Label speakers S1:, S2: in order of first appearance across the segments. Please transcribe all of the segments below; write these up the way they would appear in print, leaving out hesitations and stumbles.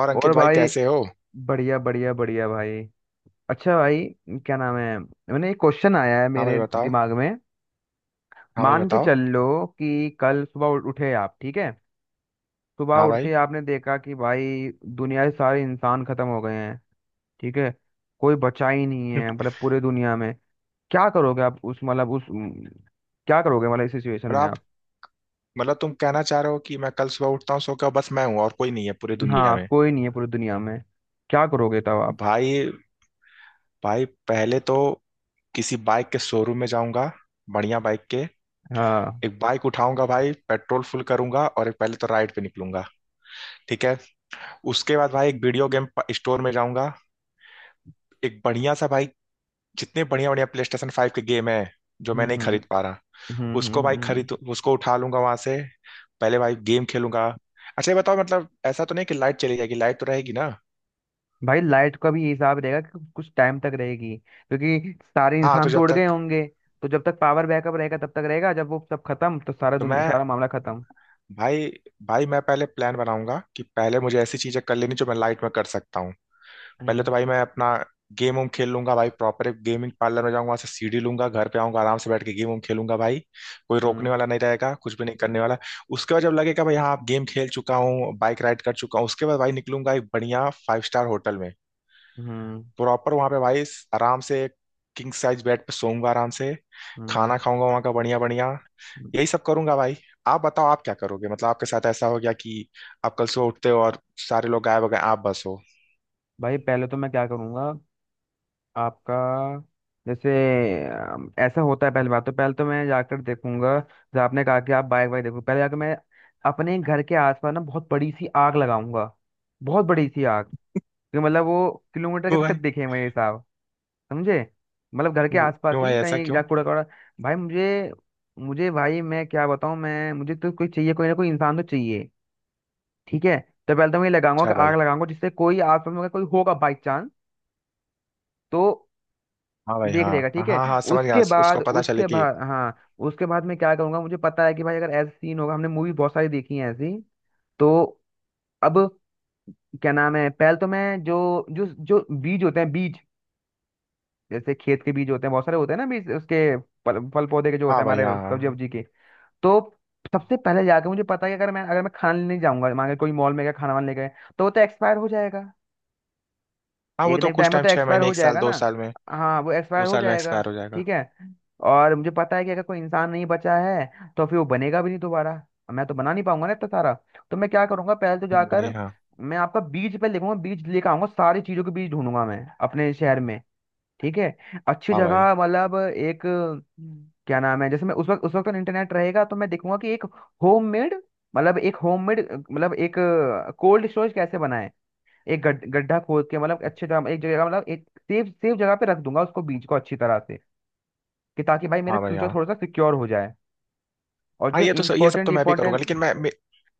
S1: और
S2: और
S1: अंकित भाई
S2: भाई
S1: कैसे हो?
S2: बढ़िया बढ़िया बढ़िया भाई। अच्छा भाई, क्या नाम है, मैंने एक क्वेश्चन आया है
S1: हाँ भाई
S2: मेरे
S1: बताओ।
S2: दिमाग में।
S1: हाँ भाई
S2: मान के
S1: बताओ।
S2: चल लो कि कल सुबह उठे आप, ठीक है। सुबह
S1: हाँ
S2: उठते
S1: भाई।
S2: ही आपने देखा कि भाई दुनिया के सारे इंसान खत्म हो गए हैं। ठीक है, कोई बचा ही नहीं है, मतलब पूरे दुनिया में। क्या करोगे आप उस, मतलब उस क्या करोगे मतलब इस सिचुएशन
S1: और
S2: में
S1: आप
S2: आप।
S1: मतलब तुम कहना चाह रहे हो कि मैं कल सुबह उठता हूँ सो के, बस मैं हूँ और कोई नहीं है पूरी दुनिया
S2: हाँ,
S1: में?
S2: कोई नहीं है पूरी दुनिया में। क्या करोगे तब आप।
S1: भाई। भाई पहले तो किसी बाइक के शोरूम में जाऊंगा, बढ़िया बाइक के।
S2: हाँ।
S1: एक बाइक उठाऊंगा भाई, पेट्रोल फुल करूंगा और एक पहले तो राइड पे निकलूंगा। ठीक है। उसके बाद भाई एक वीडियो गेम स्टोर में जाऊंगा। एक बढ़िया सा भाई, जितने बढ़िया बढ़िया PlayStation 5 के गेम है जो मैं
S2: हम्म
S1: नहीं
S2: हम्म
S1: खरीद पा रहा,
S2: हम्म हम्म
S1: उसको भाई
S2: हम्म हम्म।
S1: खरीद उसको उठा लूंगा वहां से। पहले भाई गेम खेलूंगा। अच्छा ये बताओ, मतलब ऐसा तो नहीं कि लाइट चली जाएगी? लाइट तो रहेगी ना?
S2: भाई लाइट का भी हिसाब रहेगा कि कुछ टाइम तक रहेगी क्योंकि सारे
S1: हाँ तो
S2: इंसान तो
S1: जब
S2: उड़ गए
S1: तक।
S2: होंगे। तो जब तक पावर बैकअप रहेगा तब तक रहेगा, जब वो सब खत्म तो सारा
S1: तो
S2: दुनिया
S1: मैं,
S2: सारा मामला खत्म।
S1: भाई। भाई मैं पहले प्लान बनाऊंगा कि पहले मुझे ऐसी चीजें कर लेनी जो मैं लाइट में कर सकता हूँ। पहले
S2: हम्म
S1: तो भाई मैं अपना गेम वेम खेल लूंगा भाई, प्रॉपर एक गेमिंग पार्लर में जाऊंगा, वहां से CD लूंगा, घर पे आऊंगा, आराम से बैठ के गेम वेम खेलूंगा भाई। कोई
S2: हम्म
S1: रोकने वाला नहीं रहेगा, कुछ भी नहीं करने वाला। उसके बाद जब लगेगा भाई हाँ आप गेम खेल चुका हूँ बाइक राइड कर चुका हूँ, उसके बाद भाई निकलूंगा एक बढ़िया 5 स्टार होटल में।
S2: हम्म
S1: प्रॉपर वहां पे भाई आराम से किंग साइज बेड पे सोऊंगा आराम से,
S2: हम्म,
S1: खाना खाऊंगा वहां का बढ़िया बढ़िया।
S2: हम्म।
S1: यही सब करूंगा भाई। आप बताओ, आप क्या करोगे? मतलब आपके साथ ऐसा हो गया कि आप कल सुबह उठते हो और सारे लोग गायब हो गए, आप बस हो।
S2: भाई पहले तो मैं क्या करूँगा आपका, जैसे ऐसा होता है। पहली बात तो, पहले तो मैं जाकर देखूंगा, जैसे आपने कहा कि आप बाइक वाइक देखो, पहले जाकर मैं अपने घर के आसपास ना बहुत बड़ी सी आग लगाऊंगा। बहुत बड़ी सी आग, कि मतलब वो किलोमीटर
S1: क्यों
S2: के तक
S1: भाई?
S2: दिखे मेरे हिसाब, समझे। मतलब घर के
S1: क्यों
S2: आसपास
S1: क्यों भाई
S2: ही
S1: ऐसा
S2: कहीं
S1: क्यों?
S2: जा कूड़ा कूड़ा। भाई मुझे, मुझे भाई मैं क्या बताऊं, मैं, मुझे तो कोई चाहिए, कोई ना कोई इंसान तो चाहिए। ठीक है, तो पहले तो मैं ये लगाऊंगा
S1: अच्छा
S2: कि आग
S1: भाई।
S2: लगाऊंगा जिससे कोई आसपास में अगर कोई होगा बाई चांस तो
S1: हाँ भाई
S2: देख
S1: हाँ
S2: लेगा।
S1: हाँ
S2: ठीक है।
S1: हाँ। हाँ समझ गया,
S2: उसके
S1: उसको
S2: बाद,
S1: पता चले
S2: उसके
S1: कि।
S2: बाद, हाँ, उसके बाद मैं क्या करूंगा, मुझे पता है कि भाई अगर ऐसा सीन होगा, हमने मूवी बहुत सारी देखी है ऐसी, तो अब क्या नाम है, पहले तो मैं जो, जो जो बीज होते हैं, बीज, जैसे खेत के बीज होते हैं बहुत सारे होते हैं ना बीज उसके, फल फल पौधे के जो होते
S1: हाँ
S2: हैं
S1: भाई हाँ
S2: हमारे
S1: हाँ
S2: सब्जी
S1: हाँ।
S2: वब्जी के। तो सबसे पहले जाके, मुझे पता है कि अगर मैं, अगर मैं खाना लेने जाऊंगा मान के, कोई मॉल में गया खाना वाना ले गए, तो वो तो एक्सपायर हो जाएगा।
S1: हाँ, वो
S2: एक ना
S1: तो
S2: एक
S1: कुछ
S2: टाइम में
S1: टाइम
S2: तो
S1: छह
S2: एक्सपायर
S1: महीने
S2: हो
S1: एक साल
S2: जाएगा
S1: दो
S2: ना।
S1: साल में।
S2: हाँ, वो
S1: दो
S2: एक्सपायर हो
S1: साल में
S2: जाएगा।
S1: एक्सपायर हो जाएगा।
S2: ठीक है, और मुझे पता है कि अगर कोई इंसान नहीं बचा है तो फिर वो बनेगा भी नहीं दोबारा, और मैं तो बना नहीं पाऊंगा ना इतना सारा। तो मैं क्या करूंगा, पहले तो
S1: भाई
S2: जाकर
S1: हाँ।
S2: मैं आपका बीज पे लिखूंगा, बीज लेकर आऊंगा, सारी चीजों के बीज ढूंढूंगा मैं अपने शहर में। ठीक है, अच्छी
S1: हाँ भाई
S2: जगह, मतलब एक हम्म, क्या नाम है, जैसे मैं उस वक्त, उस वक्त इंटरनेट रहेगा तो मैं देखूंगा कि एक होममेड, मतलब एक होममेड, मतलब एक कोल्ड स्टोरेज कैसे बनाए, एक गड्ढा खोद के, मतलब अच्छे जगह एक जगह, मतलब एक सेफ सेफ जगह पे रख दूंगा उसको, बीज को अच्छी तरह से, कि ताकि भाई मेरा
S1: हाँ। भाई
S2: फ्यूचर
S1: हाँ।
S2: थोड़ा सा सिक्योर हो जाए। और
S1: हाँ,
S2: जो
S1: ये तो ये सब
S2: इम्पोर्टेंट
S1: तो मैं भी करूंगा
S2: इम्पोर्टेंट,
S1: लेकिन मैं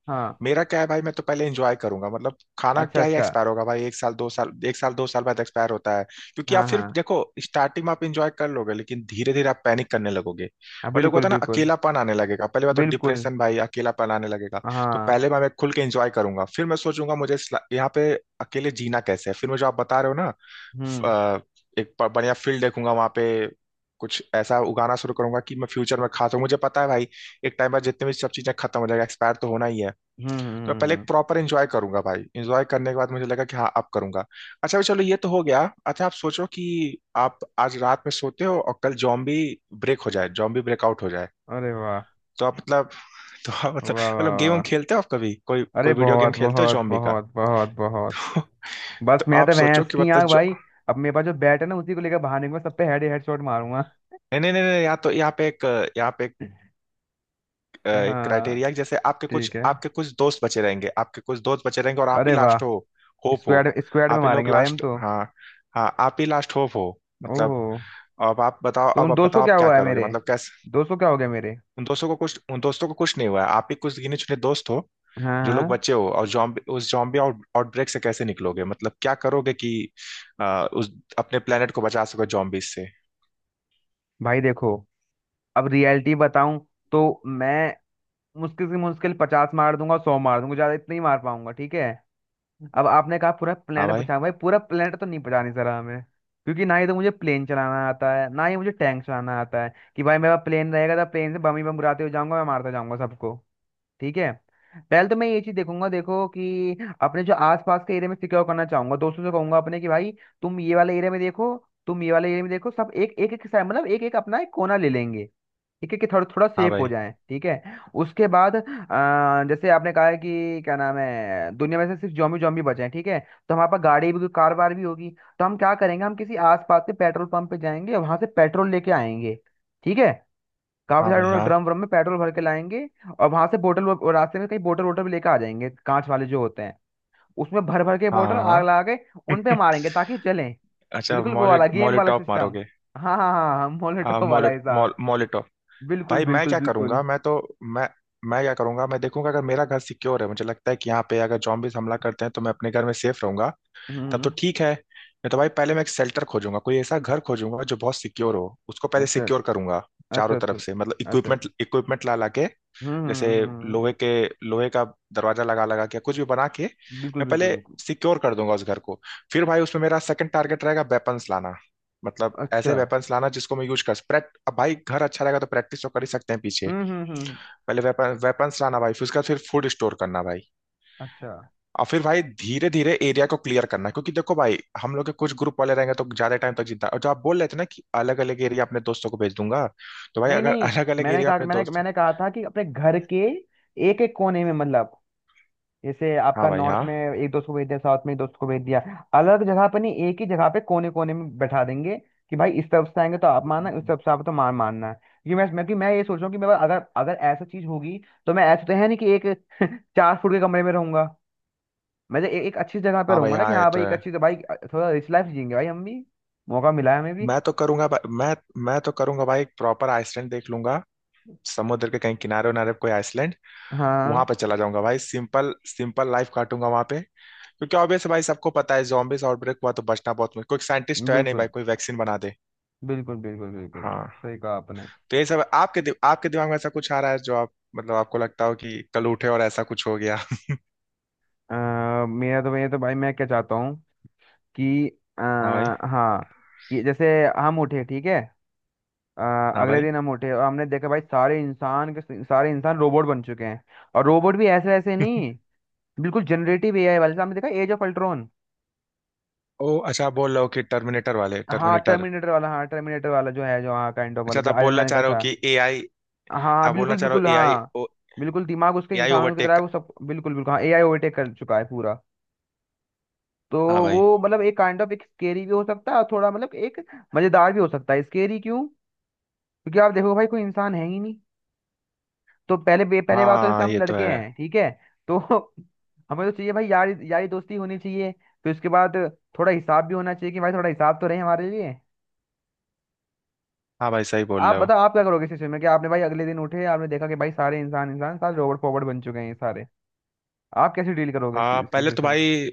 S2: हाँ।
S1: मेरा क्या है भाई। मैं तो पहले एंजॉय करूंगा। मतलब खाना
S2: अच्छा
S1: क्या ही
S2: अच्छा।
S1: एक्सपायर होगा भाई, एक साल दो साल बाद एक्सपायर होता है। क्योंकि आप
S2: हाँ
S1: फिर
S2: हाँ
S1: देखो, स्टार्टिंग में आप एंजॉय कर लोगे लेकिन धीरे धीरे आप पैनिक करने लगोगे।
S2: हाँ,
S1: मतलब
S2: बिल्कुल
S1: होता है ना,
S2: बिल्कुल
S1: अकेलापन आने लगेगा। पहली बात तो
S2: बिल्कुल।
S1: डिप्रेशन भाई, अकेलापन आने लगेगा। तो
S2: हाँ।
S1: पहले मैं खुल के एंजॉय करूंगा, फिर मैं सोचूंगा मुझे यहाँ पे अकेले जीना कैसे है। फिर मैं जो आप बता रहे हो ना,
S2: हम्म
S1: अ, एक बढ़िया फील्ड देखूंगा वहां पे, कुछ ऐसा उगाना शुरू करूंगा कि मैं फ्यूचर में खा सकूं। मुझे पता है भाई, एक टाइम बाद जितने भी सब चीजें खत्म हो जाएगा, एक्सपायर तो होना ही है।
S2: हम्म हम्म
S1: तो मैं पहले
S2: हम्म,
S1: एक
S2: हम्म।
S1: प्रॉपर एंजॉय करूंगा भाई, एंजॉय करने के बाद मुझे लगा कि हाँ अब करूंगा। अच्छा भाई चलो, ये तो हो गया। अच्छा आप सोचो कि आप आज रात में सोते हो और कल जॉम्बी ब्रेक हो जाए, जॉम्बी ब्रेकआउट हो जाए।
S2: अरे वाह।
S1: तो आप मतलब, तो आप मतलब
S2: वाह वाह
S1: मतलब गेम
S2: वाह।
S1: खेलते हो आप कभी? कोई
S2: अरे
S1: कोई वीडियो गेम
S2: बहुत
S1: खेलते हो
S2: बहुत
S1: जॉम्बी का?
S2: बहुत बहुत बहुत, बस
S1: तो
S2: मैं
S1: आप
S2: तो
S1: सोचो
S2: भैंस
S1: कि
S2: की
S1: मतलब
S2: आँख
S1: जो,
S2: भाई। अब मेरे पास जो बैट है ना उसी को लेकर भागने में सब पे हेड हेड शॉट मारूंगा।
S1: नहीं नहीं नहीं नहीं, यहाँ पे एक
S2: हाँ,
S1: क्राइटेरिया है। जैसे आपके कुछ
S2: ठीक है,
S1: आपके कुछ दोस्त बचे रहेंगे, आपके कुछ दोस्त बचे रहेंगे और आप
S2: अरे
S1: ही
S2: वाह,
S1: लास्ट हो होप हो।
S2: स्क्वाड स्क्वाड में
S1: आप ही लोग
S2: मारेंगे भाई हम
S1: लास्ट
S2: तो।
S1: हाँ। हाँ आप ही लास्ट होप हो,
S2: ओहो,
S1: मतलब। अब आप बताओ
S2: तो
S1: अब
S2: उन
S1: आप
S2: दोस्तों
S1: बताओ आप
S2: क्या
S1: क्या
S2: हुआ है
S1: करोगे,
S2: मेरे,
S1: मतलब कैसे?
S2: दोस्तों क्या हो गया मेरे।
S1: उन दोस्तों को कुछ नहीं हुआ है, आप ही कुछ गिने चुने दोस्त हो
S2: हाँ
S1: जो लोग
S2: हाँ।
S1: बचे हो। और जॉम्बी, उस जॉम्बी आउटब्रेक से कैसे निकलोगे? मतलब क्या करोगे कि उस अपने प्लेनेट को बचा सको जॉम्बीज से?
S2: भाई देखो, अब रियलिटी बताऊं, तो मैं मुश्किल से मुश्किल पचास मार दूंगा, सौ मार दूंगा, ज्यादा इतना ही मार पाऊंगा। ठीक है, अब आपने कहा पूरा
S1: हाँ
S2: प्लेनेट
S1: भाई
S2: बचा, भाई पूरा प्लेनेट तो नहीं बचाने सरा हमें, क्योंकि ना ही तो मुझे प्लेन चलाना आता है, ना ही मुझे टैंक चलाना आता है कि भाई मेरा प्लेन रहेगा तो प्लेन से बम ही बम गिराते हुए जाऊंगा, मैं मारता जाऊंगा सबको। ठीक है, पहले तो मैं ये चीज देखूंगा, देखो कि अपने जो आसपास के एरिया में सिक्योर करना चाहूंगा, दोस्तों से कहूंगा अपने कि भाई तुम ये वाले एरिया में देखो, तुम ये वाले एरिया में देखो, सब एक एक एक साइड, मतलब एक एक अपना एक कोना ले लेंगे। ठीक है, कि थोड़ा थोड़ा
S1: हाँ।
S2: सेफ हो
S1: भाई
S2: जाए, ठीक है। उसके बाद जैसे आपने कहा है कि क्या नाम है, दुनिया में से सिर्फ जॉम्बी जॉम्बी बचे हैं, ठीक है। तो हमारे पास गाड़ी भी, कार वार भी होगी, तो हम क्या करेंगे, हम किसी आसपास के पेट्रोल पंप पे जाएंगे और वहां से पेट्रोल लेके आएंगे। ठीक है, काफी
S1: हाँ।
S2: सारे
S1: भाई
S2: लोग
S1: हाँ
S2: ड्रम व्रम में पेट्रोल भर के लाएंगे, और वहां से बोतल रास्ते में कहीं बोतल वोटल भी लेकर आ जाएंगे, कांच वाले जो होते हैं, उसमें भर भर के
S1: हाँ
S2: बोतल
S1: हाँ
S2: आग लगा के उन पे
S1: हाँ।
S2: मारेंगे ताकि वो चलें।
S1: अच्छा,
S2: बिल्कुल वो
S1: मॉले
S2: वाला गेम
S1: मॉले
S2: वाला
S1: टॉप
S2: सिस्टम,
S1: मारोगे?
S2: हाँ हाँ हाँ हाँ,
S1: आ,
S2: मोलेटो वाला
S1: मोले,
S2: हिसाब।
S1: मॉल मोलेटो।
S2: बिल्कुल
S1: भाई मैं
S2: बिल्कुल
S1: क्या
S2: बिल्कुल।
S1: करूंगा, मैं तो, मैं। मैं क्या करूंगा, मैं देखूंगा अगर मेरा घर सिक्योर है। मुझे लगता है कि यहाँ पे अगर जॉम्बीज हमला करते हैं तो मैं अपने घर में सेफ रहूंगा।
S2: हम्म हम्म,
S1: तब तो
S2: हम्म।
S1: ठीक है, नहीं तो भाई पहले मैं एक शेल्टर खोजूंगा, कोई ऐसा घर खोजूंगा जो बहुत सिक्योर हो, उसको पहले
S2: अच्छा
S1: सिक्योर करूंगा
S2: अच्छा
S1: चारों
S2: अच्छा
S1: तरफ से। मतलब
S2: अच्छा अच्छा।
S1: इक्विपमेंट इक्विपमेंट ला ला के,
S2: हम्म हम्म
S1: जैसे
S2: हम्म, हम्म, हम्म,
S1: लोहे के लोहे का दरवाजा लगा लगा के कुछ भी बना के,
S2: बिल्कुल
S1: मैं
S2: बिल्कुल
S1: पहले
S2: बिल्कुल।
S1: सिक्योर कर दूंगा उस घर को। फिर भाई उसमें मेरा सेकंड टारगेट रहेगा वेपन्स लाना। मतलब ऐसे
S2: अच्छा।
S1: वेपन्स लाना जिसको मैं यूज कर प्रैक्ट, अब भाई घर अच्छा रहेगा तो प्रैक्टिस तो कर ही सकते हैं पीछे।
S2: हम्म हम्म हम्म हम्म।
S1: पहले वेपन्स लाना भाई, फिर उसके बाद फिर फूड स्टोर करना भाई।
S2: अच्छा,
S1: और फिर भाई धीरे धीरे एरिया को क्लियर करना, क्योंकि देखो भाई हम लोग के कुछ ग्रुप वाले रहेंगे तो ज्यादा टाइम तक जिंदा। और जो आप बोल रहे थे ना कि अलग अलग एरिया अपने दोस्तों को भेज दूंगा, तो भाई
S2: नहीं
S1: अगर
S2: नहीं,
S1: अलग अलग
S2: मैंने
S1: एरिया
S2: कहा,
S1: अपने
S2: मैंने,
S1: दोस्त।
S2: मैंने कहा था कि अपने घर के एक एक कोने में, मतलब जैसे
S1: हाँ
S2: आपका
S1: भाई
S2: नॉर्थ
S1: हाँ।
S2: में एक दोस्त को भेज दिया, साउथ में एक दोस्त को भेज दिया, अलग अलग जगह पर नहीं, एक ही जगह पे कोने कोने में बैठा देंगे, कि भाई इस तरफ से आएंगे तो आप मानना, इस तरफ से आप तो मार, मानना है, क्योंकि मैं, कि मैं ये सोच रहा हूँ कि मेरे पास अगर, अगर ऐसा चीज होगी, तो मैं, ऐसा तो है नहीं कि एक चार फुट के कमरे में रहूंगा। मैं तो एक अच्छी जगह पे
S1: हाँ भाई
S2: रहूंगा ना, कि
S1: हाँ, ये
S2: हाँ
S1: तो
S2: भाई एक
S1: है।
S2: अच्छी भाई, थोड़ा रिच लाइफ जियेंगे भाई हम भी, मौका मिला है हमें भी।
S1: मैं तो करूंगा भा- मैं मैं तो करूंगा भाई एक प्रॉपर आइसलैंड देख लूंगा, समुद्र के कहीं किनारे उनारे पे कोई आइसलैंड। वहां
S2: हाँ,
S1: पे चला जाऊंगा भाई, सिंपल सिंपल लाइफ काटूंगा वहां पे। क्योंकि ऑब्वियस भाई सबको पता है जॉम्बिस आउटब्रेक हुआ तो बचना बहुत मुश्किल, कोई साइंटिस्ट है नहीं भाई
S2: बिल्कुल
S1: कोई वैक्सीन बना दे।
S2: बिल्कुल बिल्कुल, बिल्कुल
S1: हाँ।
S2: सही कहा आपने।
S1: तो ये सब आपके आपके दिमाग में ऐसा कुछ आ रहा है जो आप मतलब आपको लगता हो कि कल उठे और ऐसा कुछ हो गया?
S2: मेरा तो ये तो, भाई मैं क्या चाहता हूँ कि
S1: हाँ भाई।
S2: हाँ, कि जैसे हम उठे ठीक है,
S1: हाँ
S2: अगले
S1: भाई।
S2: दिन हम उठे और हमने देखा भाई सारे इंसान के सारे इंसान रोबोट बन चुके हैं। और रोबोट भी ऐसे ऐसे नहीं, बिल्कुल जनरेटिव एआई वाले, जैसे हमने देखा एज ऑफ अल्ट्रॉन।
S1: ओ अच्छा, आप बोल रहे हो कि टर्मिनेटर वाले,
S2: हाँ,
S1: टर्मिनेटर।
S2: टर्मिनेटर वाला, हाँ टर्मिनेटर वाला जो है, जो हाँ काइंड ऑफ वाला,
S1: अच्छा तो
S2: जो
S1: आप
S2: आयरन
S1: बोलना
S2: मैन
S1: चाह
S2: का
S1: रहे हो
S2: था।
S1: कि AI।
S2: हाँ,
S1: आप बोलना
S2: बिल्कुल
S1: चाह रहे
S2: बिल्कुल।
S1: हो AI।
S2: हाँ बिल्कुल, दिमाग उसके
S1: एआई
S2: इंसानों की तरह है,
S1: ओवरटेक।
S2: वो सब, बिल्कुल बिल्कुल। हाँ, एआई ओवरटेक कर चुका है पूरा। तो
S1: हाँ भाई।
S2: वो मतलब एक काइंड ऑफ एक स्केरी भी हो सकता है, और थोड़ा मतलब एक मजेदार भी हो सकता है। स्केरी क्यों, क्योंकि आप देखो भाई कोई इंसान है ही नहीं, तो पहले पहले बात तो, जैसे
S1: हाँ,
S2: हम
S1: ये तो
S2: लड़के
S1: है।
S2: हैं ठीक है, तो हमें तो चाहिए भाई यारी यारी दोस्ती होनी चाहिए। फिर उसके बाद थोड़ा हिसाब भी होना चाहिए, कि भाई थोड़ा हिसाब तो रहे हमारे लिए।
S1: हाँ भाई सही बोल
S2: आप
S1: रहे हो।
S2: बताओ आप क्या करोगे इस सिचुएशन में, कि आपने भाई अगले दिन उठे, आपने देखा कि भाई सारे इंसान इंसान सारे रोबोट फॉरवर्ड बन चुके हैं ये सारे, आप कैसे डील करोगे इस
S1: पहले तो
S2: सिचुएशन से।
S1: भाई,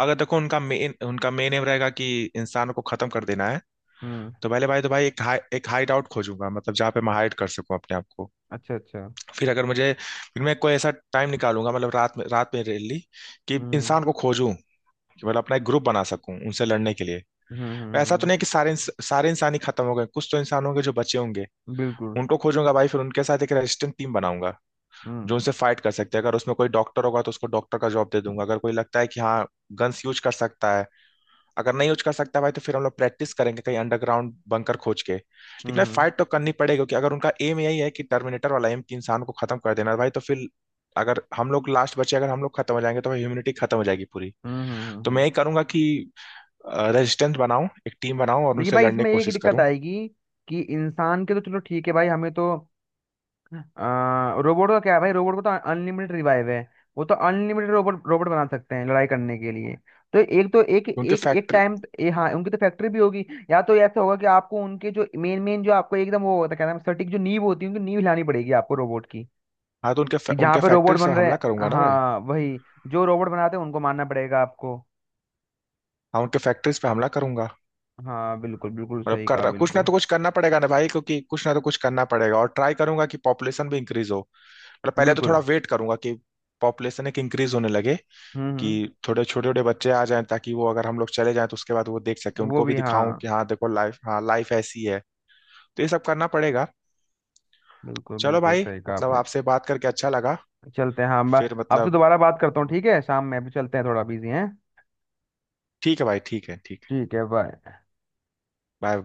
S1: अगर देखो उनका मेन एम रहेगा कि इंसानों को खत्म कर देना है।
S2: हम्म।
S1: तो पहले भाई तो भाई एक हाई एक हाइड आउट खोजूंगा, मतलब जहाँ पे मैं हाइड कर सकूं अपने आप को।
S2: अच्छा अच्छा।
S1: फिर अगर मुझे फिर मैं कोई ऐसा टाइम निकालूंगा, मतलब रात में रैली कि
S2: हम्म
S1: इंसान को खोजूं, कि मतलब अपना एक ग्रुप बना सकूं उनसे लड़ने के लिए।
S2: हम्म हम्म
S1: ऐसा तो
S2: हम्म,
S1: नहीं कि सारे इंसान ही खत्म हो गए, कुछ तो इंसान होंगे जो बचे होंगे।
S2: बिल्कुल।
S1: उनको खोजूंगा भाई, फिर उनके साथ एक रेजिस्टेंट टीम बनाऊंगा
S2: हम्म
S1: जो उनसे फाइट कर सकते हैं। अगर उसमें कोई डॉक्टर होगा तो उसको डॉक्टर का जॉब दे दूंगा। अगर कोई लगता है कि हाँ गन्स यूज कर सकता है, अगर नहीं यूज कर सकता भाई तो फिर हम लोग प्रैक्टिस करेंगे कहीं अंडरग्राउंड बंकर खोज के।
S2: हम्म
S1: लेकिन
S2: हम्म
S1: फाइट तो करनी पड़ेगी क्योंकि अगर उनका एम यही है कि टर्मिनेटर वाला एम कि इंसान को खत्म कर देना है, भाई तो फिर अगर हम लोग लास्ट बचे, अगर हम लोग खत्म हो जाएंगे तो ह्यूमनिटी खत्म हो जाएगी पूरी।
S2: हम्म हम्म हम्म,
S1: तो मैं
S2: हम्म।
S1: यही करूंगा कि रेजिस्टेंस बनाऊं, एक टीम बनाऊं और
S2: लेकिन
S1: उनसे
S2: भाई
S1: लड़ने
S2: इसमें
S1: की
S2: एक
S1: कोशिश
S2: दिक्कत
S1: करूं।
S2: आएगी, कि इंसान के तो चलो ठीक है भाई हमें तो, रोबोट का क्या है भाई, रोबोट को तो अनलिमिटेड रिवाइव है, वो तो अनलिमिटेड रोबोट रोबोट बना सकते हैं लड़ाई करने के लिए। तो एक, तो एक
S1: उनके
S2: एक एक
S1: फैक्ट्री
S2: टाइम ये, हाँ उनकी तो फैक्ट्री भी होगी। या तो ऐसा होगा कि आपको उनके जो मेन मेन जो आपको एकदम वो होता है, क्या नाम है, सटीक जो नींव होती है, उनकी नींव हिलानी पड़ेगी आपको, रोबोट की,
S1: हाँ तो उनके
S2: कि जहाँ
S1: उनके
S2: पे रोबोट
S1: फैक्ट्री
S2: बन
S1: पे
S2: रहे
S1: हमला
S2: हैं,
S1: करूंगा ना भाई।
S2: हाँ वही, जो रोबोट बनाते हैं उनको मानना पड़ेगा आपको।
S1: हाँ उनके फैक्ट्रीज पे हमला करूंगा।
S2: हाँ बिल्कुल बिल्कुल,
S1: मतलब
S2: सही कहा,
S1: कर कुछ ना
S2: बिल्कुल
S1: तो कुछ करना पड़ेगा ना भाई, क्योंकि कुछ ना तो कुछ करना पड़ेगा और ट्राई करूंगा कि पॉपुलेशन भी इंक्रीज हो। मतलब पहले तो
S2: बिल्कुल।
S1: थोड़ा वेट करूंगा कि पॉपुलेशन एक इंक्रीज होने लगे, कि
S2: हम्म।
S1: थोड़े छोटे छोटे बच्चे आ जाएं ताकि वो अगर हम लोग चले जाएं तो उसके बाद वो देख सके,
S2: वो
S1: उनको भी
S2: भी
S1: दिखाऊं
S2: हाँ।
S1: कि हाँ देखो लाइफ, हाँ लाइफ ऐसी है। तो ये सब करना पड़ेगा।
S2: बिल्कुल
S1: चलो
S2: बिल्कुल
S1: भाई,
S2: सही कहा
S1: मतलब
S2: आपने।
S1: आपसे बात करके अच्छा लगा।
S2: चलते हैं, हाँ मैं
S1: फिर
S2: आपसे
S1: मतलब।
S2: दोबारा बात करता हूँ, ठीक है शाम में, अभी चलते हैं, थोड़ा बिजी हैं।
S1: ठीक है भाई ठीक है ठीक है।
S2: ठीक है, बाय।
S1: बाय।